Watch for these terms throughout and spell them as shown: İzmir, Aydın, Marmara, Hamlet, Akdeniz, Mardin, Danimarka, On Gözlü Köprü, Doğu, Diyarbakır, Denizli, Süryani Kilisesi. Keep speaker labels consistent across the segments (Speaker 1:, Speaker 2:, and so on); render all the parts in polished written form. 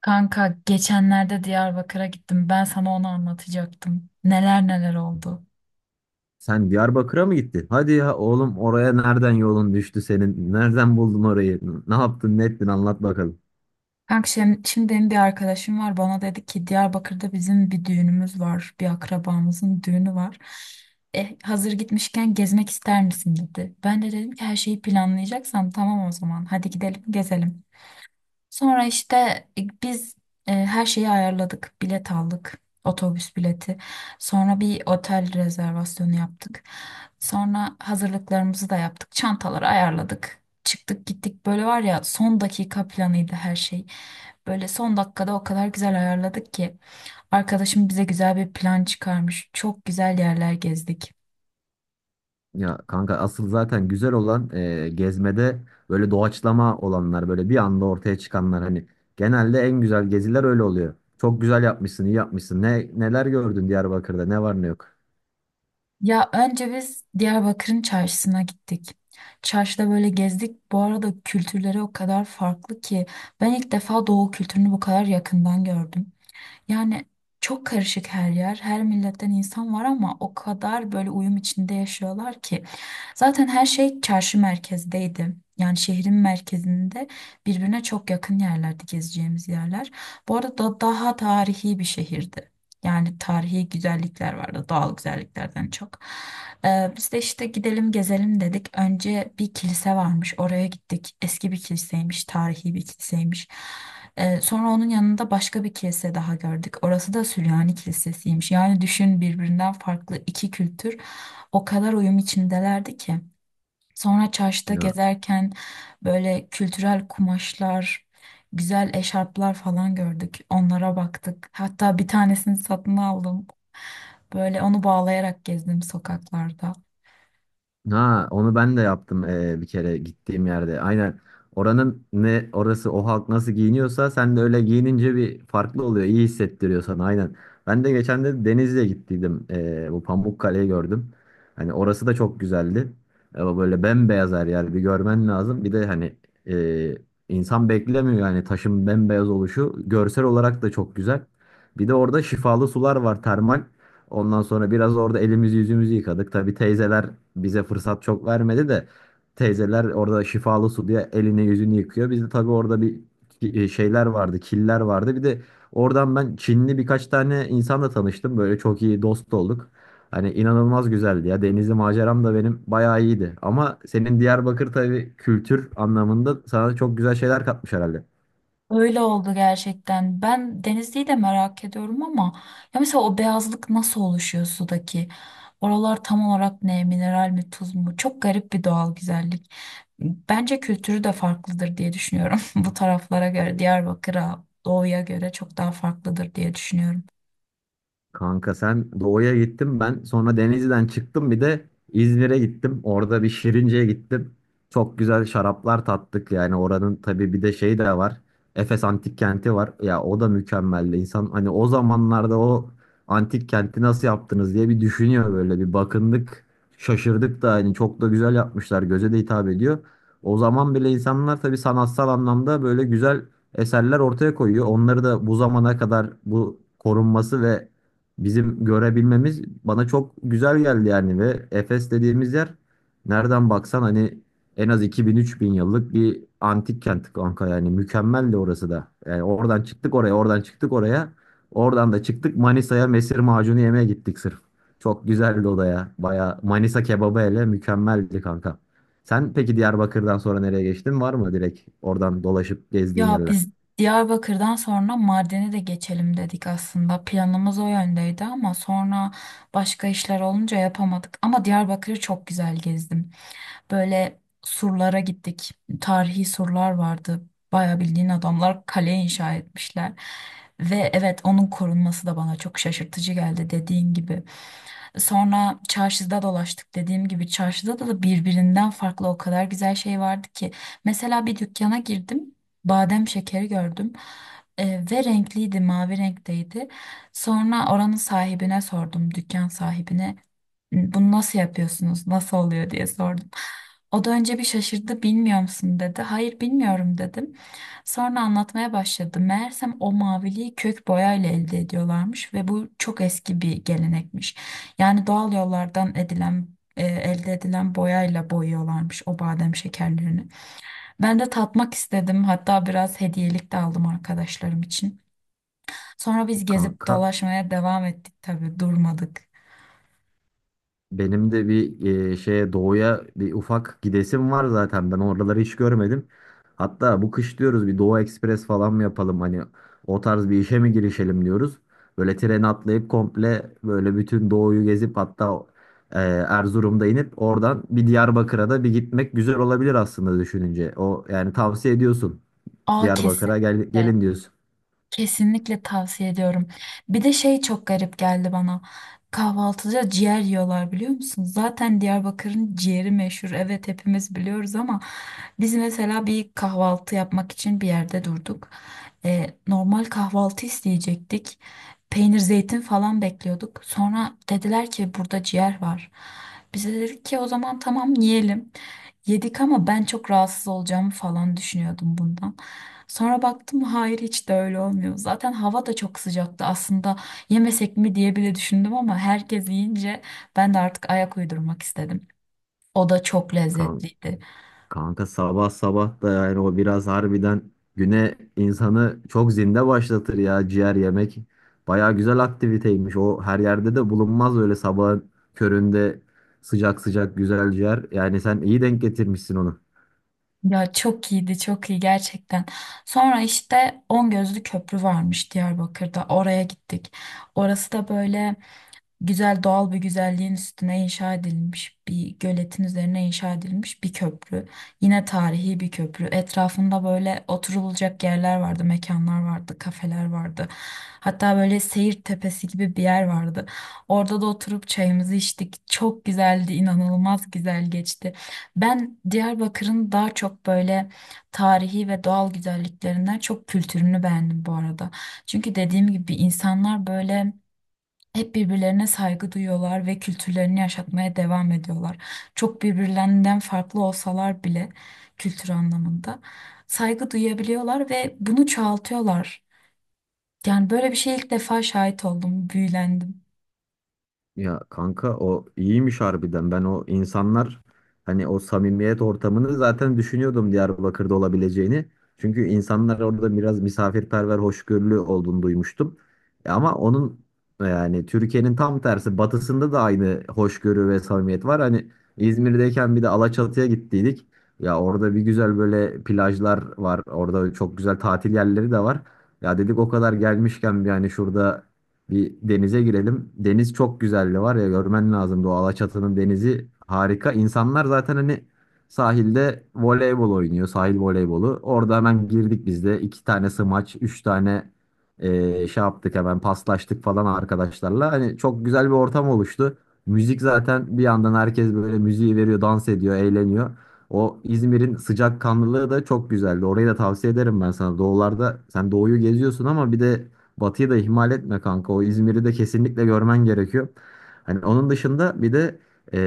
Speaker 1: Kanka geçenlerde Diyarbakır'a gittim. Ben sana onu anlatacaktım. Neler neler oldu.
Speaker 2: Sen Diyarbakır'a mı gittin? Hadi ya oğlum oraya nereden yolun düştü senin? Nereden buldun orayı? Ne yaptın, ne ettin? Anlat bakalım.
Speaker 1: Kanka şimdi, benim bir arkadaşım var. Bana dedi ki Diyarbakır'da bizim bir düğünümüz var. Bir akrabamızın düğünü var. Hazır gitmişken gezmek ister misin dedi. Ben de dedim ki her şeyi planlayacaksan tamam o zaman. Hadi gidelim gezelim. Sonra işte biz her şeyi ayarladık. Bilet aldık. Otobüs bileti. Sonra bir otel rezervasyonu yaptık. Sonra hazırlıklarımızı da yaptık. Çantaları ayarladık. Çıktık gittik. Böyle var ya son dakika planıydı her şey. Böyle son dakikada o kadar güzel ayarladık ki. Arkadaşım bize güzel bir plan çıkarmış. Çok güzel yerler gezdik.
Speaker 2: Ya kanka asıl zaten güzel olan gezmede böyle doğaçlama olanlar, böyle bir anda ortaya çıkanlar hani genelde en güzel geziler öyle oluyor. Çok güzel yapmışsın, iyi yapmışsın. Neler gördün Diyarbakır'da? Ne var ne yok?
Speaker 1: Ya önce biz Diyarbakır'ın çarşısına gittik. Çarşıda böyle gezdik. Bu arada kültürleri o kadar farklı ki ben ilk defa Doğu kültürünü bu kadar yakından gördüm. Yani çok karışık her yer, her milletten insan var ama o kadar böyle uyum içinde yaşıyorlar ki. Zaten her şey çarşı merkezdeydi. Yani şehrin merkezinde birbirine çok yakın yerlerde gezeceğimiz yerler. Bu arada daha tarihi bir şehirdi. Yani tarihi güzellikler vardı, doğal güzelliklerden çok. Biz de işte gidelim gezelim dedik. Önce bir kilise varmış, oraya gittik. Eski bir kiliseymiş, tarihi bir kiliseymiş. Sonra onun yanında başka bir kilise daha gördük. Orası da Süryani Kilisesiymiş. Yani düşün birbirinden farklı iki kültür o kadar uyum içindelerdi ki. Sonra çarşıda
Speaker 2: Ya
Speaker 1: gezerken böyle kültürel kumaşlar, güzel eşarplar falan gördük. Onlara baktık. Hatta bir tanesini satın aldım. Böyle onu bağlayarak gezdim sokaklarda.
Speaker 2: Ha, onu ben de yaptım bir kere gittiğim yerde. Aynen. Oranın ne orası, o halk nasıl giyiniyorsa sen de öyle giyinince bir farklı oluyor. İyi hissettiriyor sana, aynen. Ben de geçen de Denizli'ye gittiydim. Bu Pamukkale'yi gördüm. Hani orası da çok güzeldi. Ama böyle bembeyaz her yer, bir görmen lazım. Bir de hani eee, insan beklemiyor yani taşın bembeyaz oluşu. Görsel olarak da çok güzel. Bir de orada şifalı sular var, termal. Ondan sonra biraz orada elimizi yüzümüzü yıkadık. Tabii teyzeler bize fırsat çok vermedi de, teyzeler orada şifalı su diye elini yüzünü yıkıyor. Bizde tabii orada bir şeyler vardı, killer vardı. Bir de oradan ben Çinli birkaç tane insanla tanıştım. Böyle çok iyi dost olduk. Hani inanılmaz güzeldi ya. Denizli maceram da benim bayağı iyiydi. Ama senin Diyarbakır tabii kültür anlamında sana çok güzel şeyler katmış herhalde.
Speaker 1: Öyle oldu gerçekten. Ben Denizli'yi de merak ediyorum ama ya mesela o beyazlık nasıl oluşuyor sudaki? Oralar tam olarak ne? Mineral mi, tuz mu? Çok garip bir doğal güzellik. Bence kültürü de farklıdır diye düşünüyorum. Bu taraflara göre, Diyarbakır'a, Doğu'ya göre çok daha farklıdır diye düşünüyorum.
Speaker 2: Kanka sen doğuya gittin, ben sonra Denizli'den çıktım bir de İzmir'e gittim. Orada bir Şirince'ye gittim. Çok güzel şaraplar tattık, yani oranın tabii bir de şey de var. Efes Antik Kenti var. Ya o da mükemmeldi. İnsan hani o zamanlarda o antik kenti nasıl yaptınız diye bir düşünüyor, böyle bir bakındık. Şaşırdık da, hani çok da güzel yapmışlar. Göze de hitap ediyor. O zaman bile insanlar tabii sanatsal anlamda böyle güzel eserler ortaya koyuyor. Onları da bu zamana kadar bu korunması ve bizim görebilmemiz bana çok güzel geldi yani. Ve Efes dediğimiz yer nereden baksan hani en az 2000-3000 yıllık bir antik kent kanka, yani mükemmeldi orası da. Yani oradan çıktık oraya, oradan çıktık oraya. Oradan da çıktık Manisa'ya, mesir macunu yemeye gittik sırf. Çok güzeldi o da ya. Baya Manisa kebabı hele mükemmeldi kanka. Sen peki Diyarbakır'dan sonra nereye geçtin? Var mı direkt oradan dolaşıp gezdiğin
Speaker 1: Ya
Speaker 2: yerler?
Speaker 1: biz Diyarbakır'dan sonra Mardin'e de geçelim dedik aslında. Planımız o yöndeydi ama sonra başka işler olunca yapamadık. Ama Diyarbakır'ı çok güzel gezdim. Böyle surlara gittik. Tarihi surlar vardı. Bayağı bildiğin adamlar kale inşa etmişler. Ve evet onun korunması da bana çok şaşırtıcı geldi dediğin gibi. Sonra çarşıda dolaştık. Dediğim gibi çarşıda da birbirinden farklı o kadar güzel şey vardı ki. Mesela bir dükkana girdim. Badem şekeri gördüm. Ve renkliydi, mavi renkteydi. Sonra oranın sahibine sordum, dükkan sahibine bunu nasıl yapıyorsunuz, nasıl oluyor diye sordum. O da önce bir şaşırdı, bilmiyor musun dedi. Hayır bilmiyorum dedim. Sonra anlatmaya başladı. Meğersem o maviliği kök boyayla elde ediyorlarmış ve bu çok eski bir gelenekmiş. Yani doğal yollardan elde edilen boyayla boyuyorlarmış o badem şekerlerini. Ben de tatmak istedim. Hatta biraz hediyelik de aldım arkadaşlarım için. Sonra biz gezip
Speaker 2: Kanka
Speaker 1: dolaşmaya devam ettik tabii durmadık.
Speaker 2: benim de bir şeye, doğuya bir ufak gidesim var zaten. Ben oraları hiç görmedim. Hatta bu kış diyoruz, bir Doğu Ekspres falan mı yapalım? Hani o tarz bir işe mi girişelim diyoruz. Böyle treni atlayıp komple böyle bütün doğuyu gezip hatta Erzurum'da inip oradan bir Diyarbakır'a da bir gitmek güzel olabilir aslında düşününce. O yani tavsiye ediyorsun.
Speaker 1: Aa
Speaker 2: Diyarbakır'a gel,
Speaker 1: kesinlikle.
Speaker 2: gelin diyorsun.
Speaker 1: Kesinlikle tavsiye ediyorum. Bir de şey çok garip geldi bana. Kahvaltıda ciğer yiyorlar biliyor musun? Zaten Diyarbakır'ın ciğeri meşhur. Evet hepimiz biliyoruz ama biz mesela bir kahvaltı yapmak için bir yerde durduk. Normal kahvaltı isteyecektik. Peynir, zeytin falan bekliyorduk. Sonra dediler ki burada ciğer var. Bize dedik ki o zaman tamam yiyelim. Yedik ama ben çok rahatsız olacağımı falan düşünüyordum bundan. Sonra baktım hayır hiç de öyle olmuyor. Zaten hava da çok sıcaktı aslında yemesek mi diye bile düşündüm ama herkes yiyince ben de artık ayak uydurmak istedim. O da çok lezzetliydi.
Speaker 2: Kanka sabah sabah da yani o biraz harbiden güne insanı çok zinde başlatır ya ciğer yemek. Baya güzel aktiviteymiş. O her yerde de bulunmaz, öyle sabahın köründe sıcak sıcak güzel ciğer. Yani sen iyi denk getirmişsin onu.
Speaker 1: Ya çok iyiydi, çok iyi gerçekten. Sonra işte On Gözlü Köprü varmış Diyarbakır'da. Oraya gittik. Orası da böyle güzel doğal bir güzelliğin üstüne inşa edilmiş bir göletin üzerine inşa edilmiş bir köprü. Yine tarihi bir köprü. Etrafında böyle oturulacak yerler vardı, mekanlar vardı, kafeler vardı. Hatta böyle seyir tepesi gibi bir yer vardı. Orada da oturup çayımızı içtik. Çok güzeldi, inanılmaz güzel geçti. Ben Diyarbakır'ın daha çok böyle tarihi ve doğal güzelliklerinden çok kültürünü beğendim bu arada. Çünkü dediğim gibi insanlar böyle hep birbirlerine saygı duyuyorlar ve kültürlerini yaşatmaya devam ediyorlar. Çok birbirlerinden farklı olsalar bile kültür anlamında saygı duyabiliyorlar ve bunu çoğaltıyorlar. Yani böyle bir şeye ilk defa şahit oldum, büyülendim.
Speaker 2: Ya kanka o iyiymiş harbiden. Ben o insanlar, hani o samimiyet ortamını zaten düşünüyordum Diyarbakır'da olabileceğini. Çünkü insanlar orada biraz misafirperver, hoşgörülü olduğunu duymuştum. Ama onun yani Türkiye'nin tam tersi batısında da aynı hoşgörü ve samimiyet var. Hani İzmir'deyken bir de Alaçatı'ya gittiydik. Ya orada bir güzel böyle plajlar var. Orada çok güzel tatil yerleri de var. Ya dedik o kadar gelmişken bir hani şurada bir denize girelim. Deniz çok güzeldi var ya, görmen lazım, o Alaçatı'nın denizi harika. İnsanlar zaten hani sahilde voleybol oynuyor. Sahil voleybolu. Orada hemen girdik biz de. İki tane smaç, üç tane şey yaptık, hemen paslaştık falan arkadaşlarla. Hani çok güzel bir ortam oluştu. Müzik zaten bir yandan, herkes böyle müziği veriyor, dans ediyor, eğleniyor. O İzmir'in sıcakkanlılığı da çok güzeldi. Orayı da tavsiye ederim ben sana. Doğularda sen doğuyu geziyorsun ama bir de Batı'yı da ihmal etme kanka. O İzmir'i de kesinlikle görmen gerekiyor. Hani onun dışında bir de e,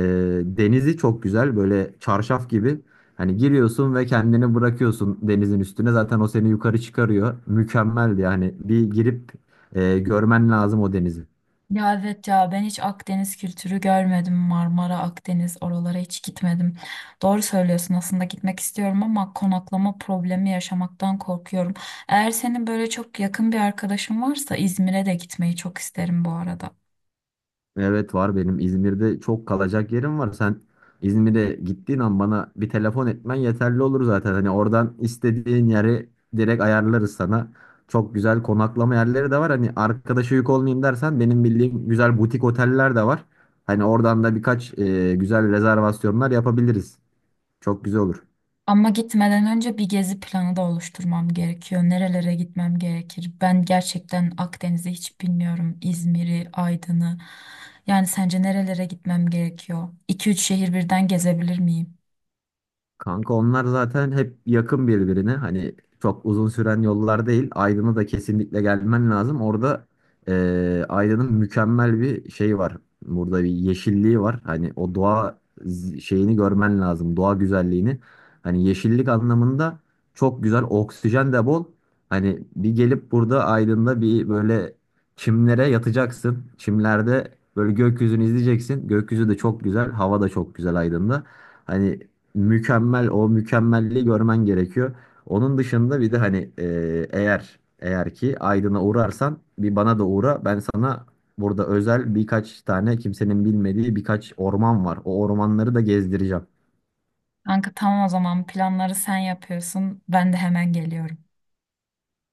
Speaker 2: denizi çok güzel. Böyle çarşaf gibi. Hani giriyorsun ve kendini bırakıyorsun denizin üstüne. Zaten o seni yukarı çıkarıyor. Mükemmeldi yani. Bir girip görmen lazım o denizi.
Speaker 1: Ya evet ya ben hiç Akdeniz kültürü görmedim. Marmara, Akdeniz oralara hiç gitmedim. Doğru söylüyorsun aslında gitmek istiyorum ama konaklama problemi yaşamaktan korkuyorum. Eğer senin böyle çok yakın bir arkadaşın varsa İzmir'e de gitmeyi çok isterim bu arada.
Speaker 2: Evet var, benim İzmir'de çok kalacak yerim var. Sen İzmir'e gittiğin an bana bir telefon etmen yeterli olur zaten. Hani oradan istediğin yeri direkt ayarlarız sana. Çok güzel konaklama yerleri de var. Hani arkadaşa yük olmayayım dersen, benim bildiğim güzel butik oteller de var. Hani oradan da birkaç güzel rezervasyonlar yapabiliriz. Çok güzel olur.
Speaker 1: Ama gitmeden önce bir gezi planı da oluşturmam gerekiyor. Nerelere gitmem gerekir? Ben gerçekten Akdeniz'i hiç bilmiyorum. İzmir'i, Aydın'ı. Yani sence nerelere gitmem gerekiyor? 2-3 şehir birden gezebilir miyim?
Speaker 2: Kanka onlar zaten hep yakın birbirine. Hani çok uzun süren yollar değil. Aydın'a da kesinlikle gelmen lazım. Orada Aydın'ın mükemmel bir şey var. Burada bir yeşilliği var. Hani o doğa şeyini görmen lazım. Doğa güzelliğini. Hani yeşillik anlamında çok güzel. Oksijen de bol. Hani bir gelip burada Aydın'da bir böyle çimlere yatacaksın. Çimlerde böyle gökyüzünü izleyeceksin. Gökyüzü de çok güzel. Hava da çok güzel Aydın'da. Hani mükemmel, o mükemmelliği görmen gerekiyor. Onun dışında bir de hani eğer ki Aydın'a uğrarsan bir bana da uğra. Ben sana burada özel birkaç tane kimsenin bilmediği birkaç orman var. O ormanları da gezdireceğim.
Speaker 1: Kanka tamam o zaman planları sen yapıyorsun. Ben de hemen geliyorum.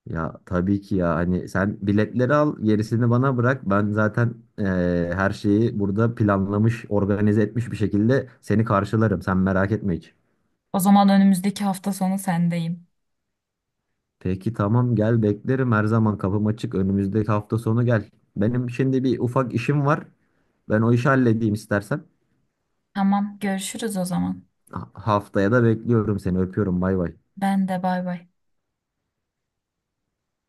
Speaker 2: Ya tabii ki ya, hani sen biletleri al, gerisini bana bırak. Ben zaten e, her şeyi burada planlamış, organize etmiş bir şekilde seni karşılarım. Sen merak etme hiç.
Speaker 1: O zaman önümüzdeki hafta sonu sendeyim.
Speaker 2: Peki tamam gel, beklerim, her zaman kapım açık, önümüzdeki hafta sonu gel. Benim şimdi bir ufak işim var. Ben o işi halledeyim istersen.
Speaker 1: Tamam görüşürüz o zaman.
Speaker 2: Haftaya da bekliyorum seni, öpüyorum, bay bay.
Speaker 1: Ben de bay bay.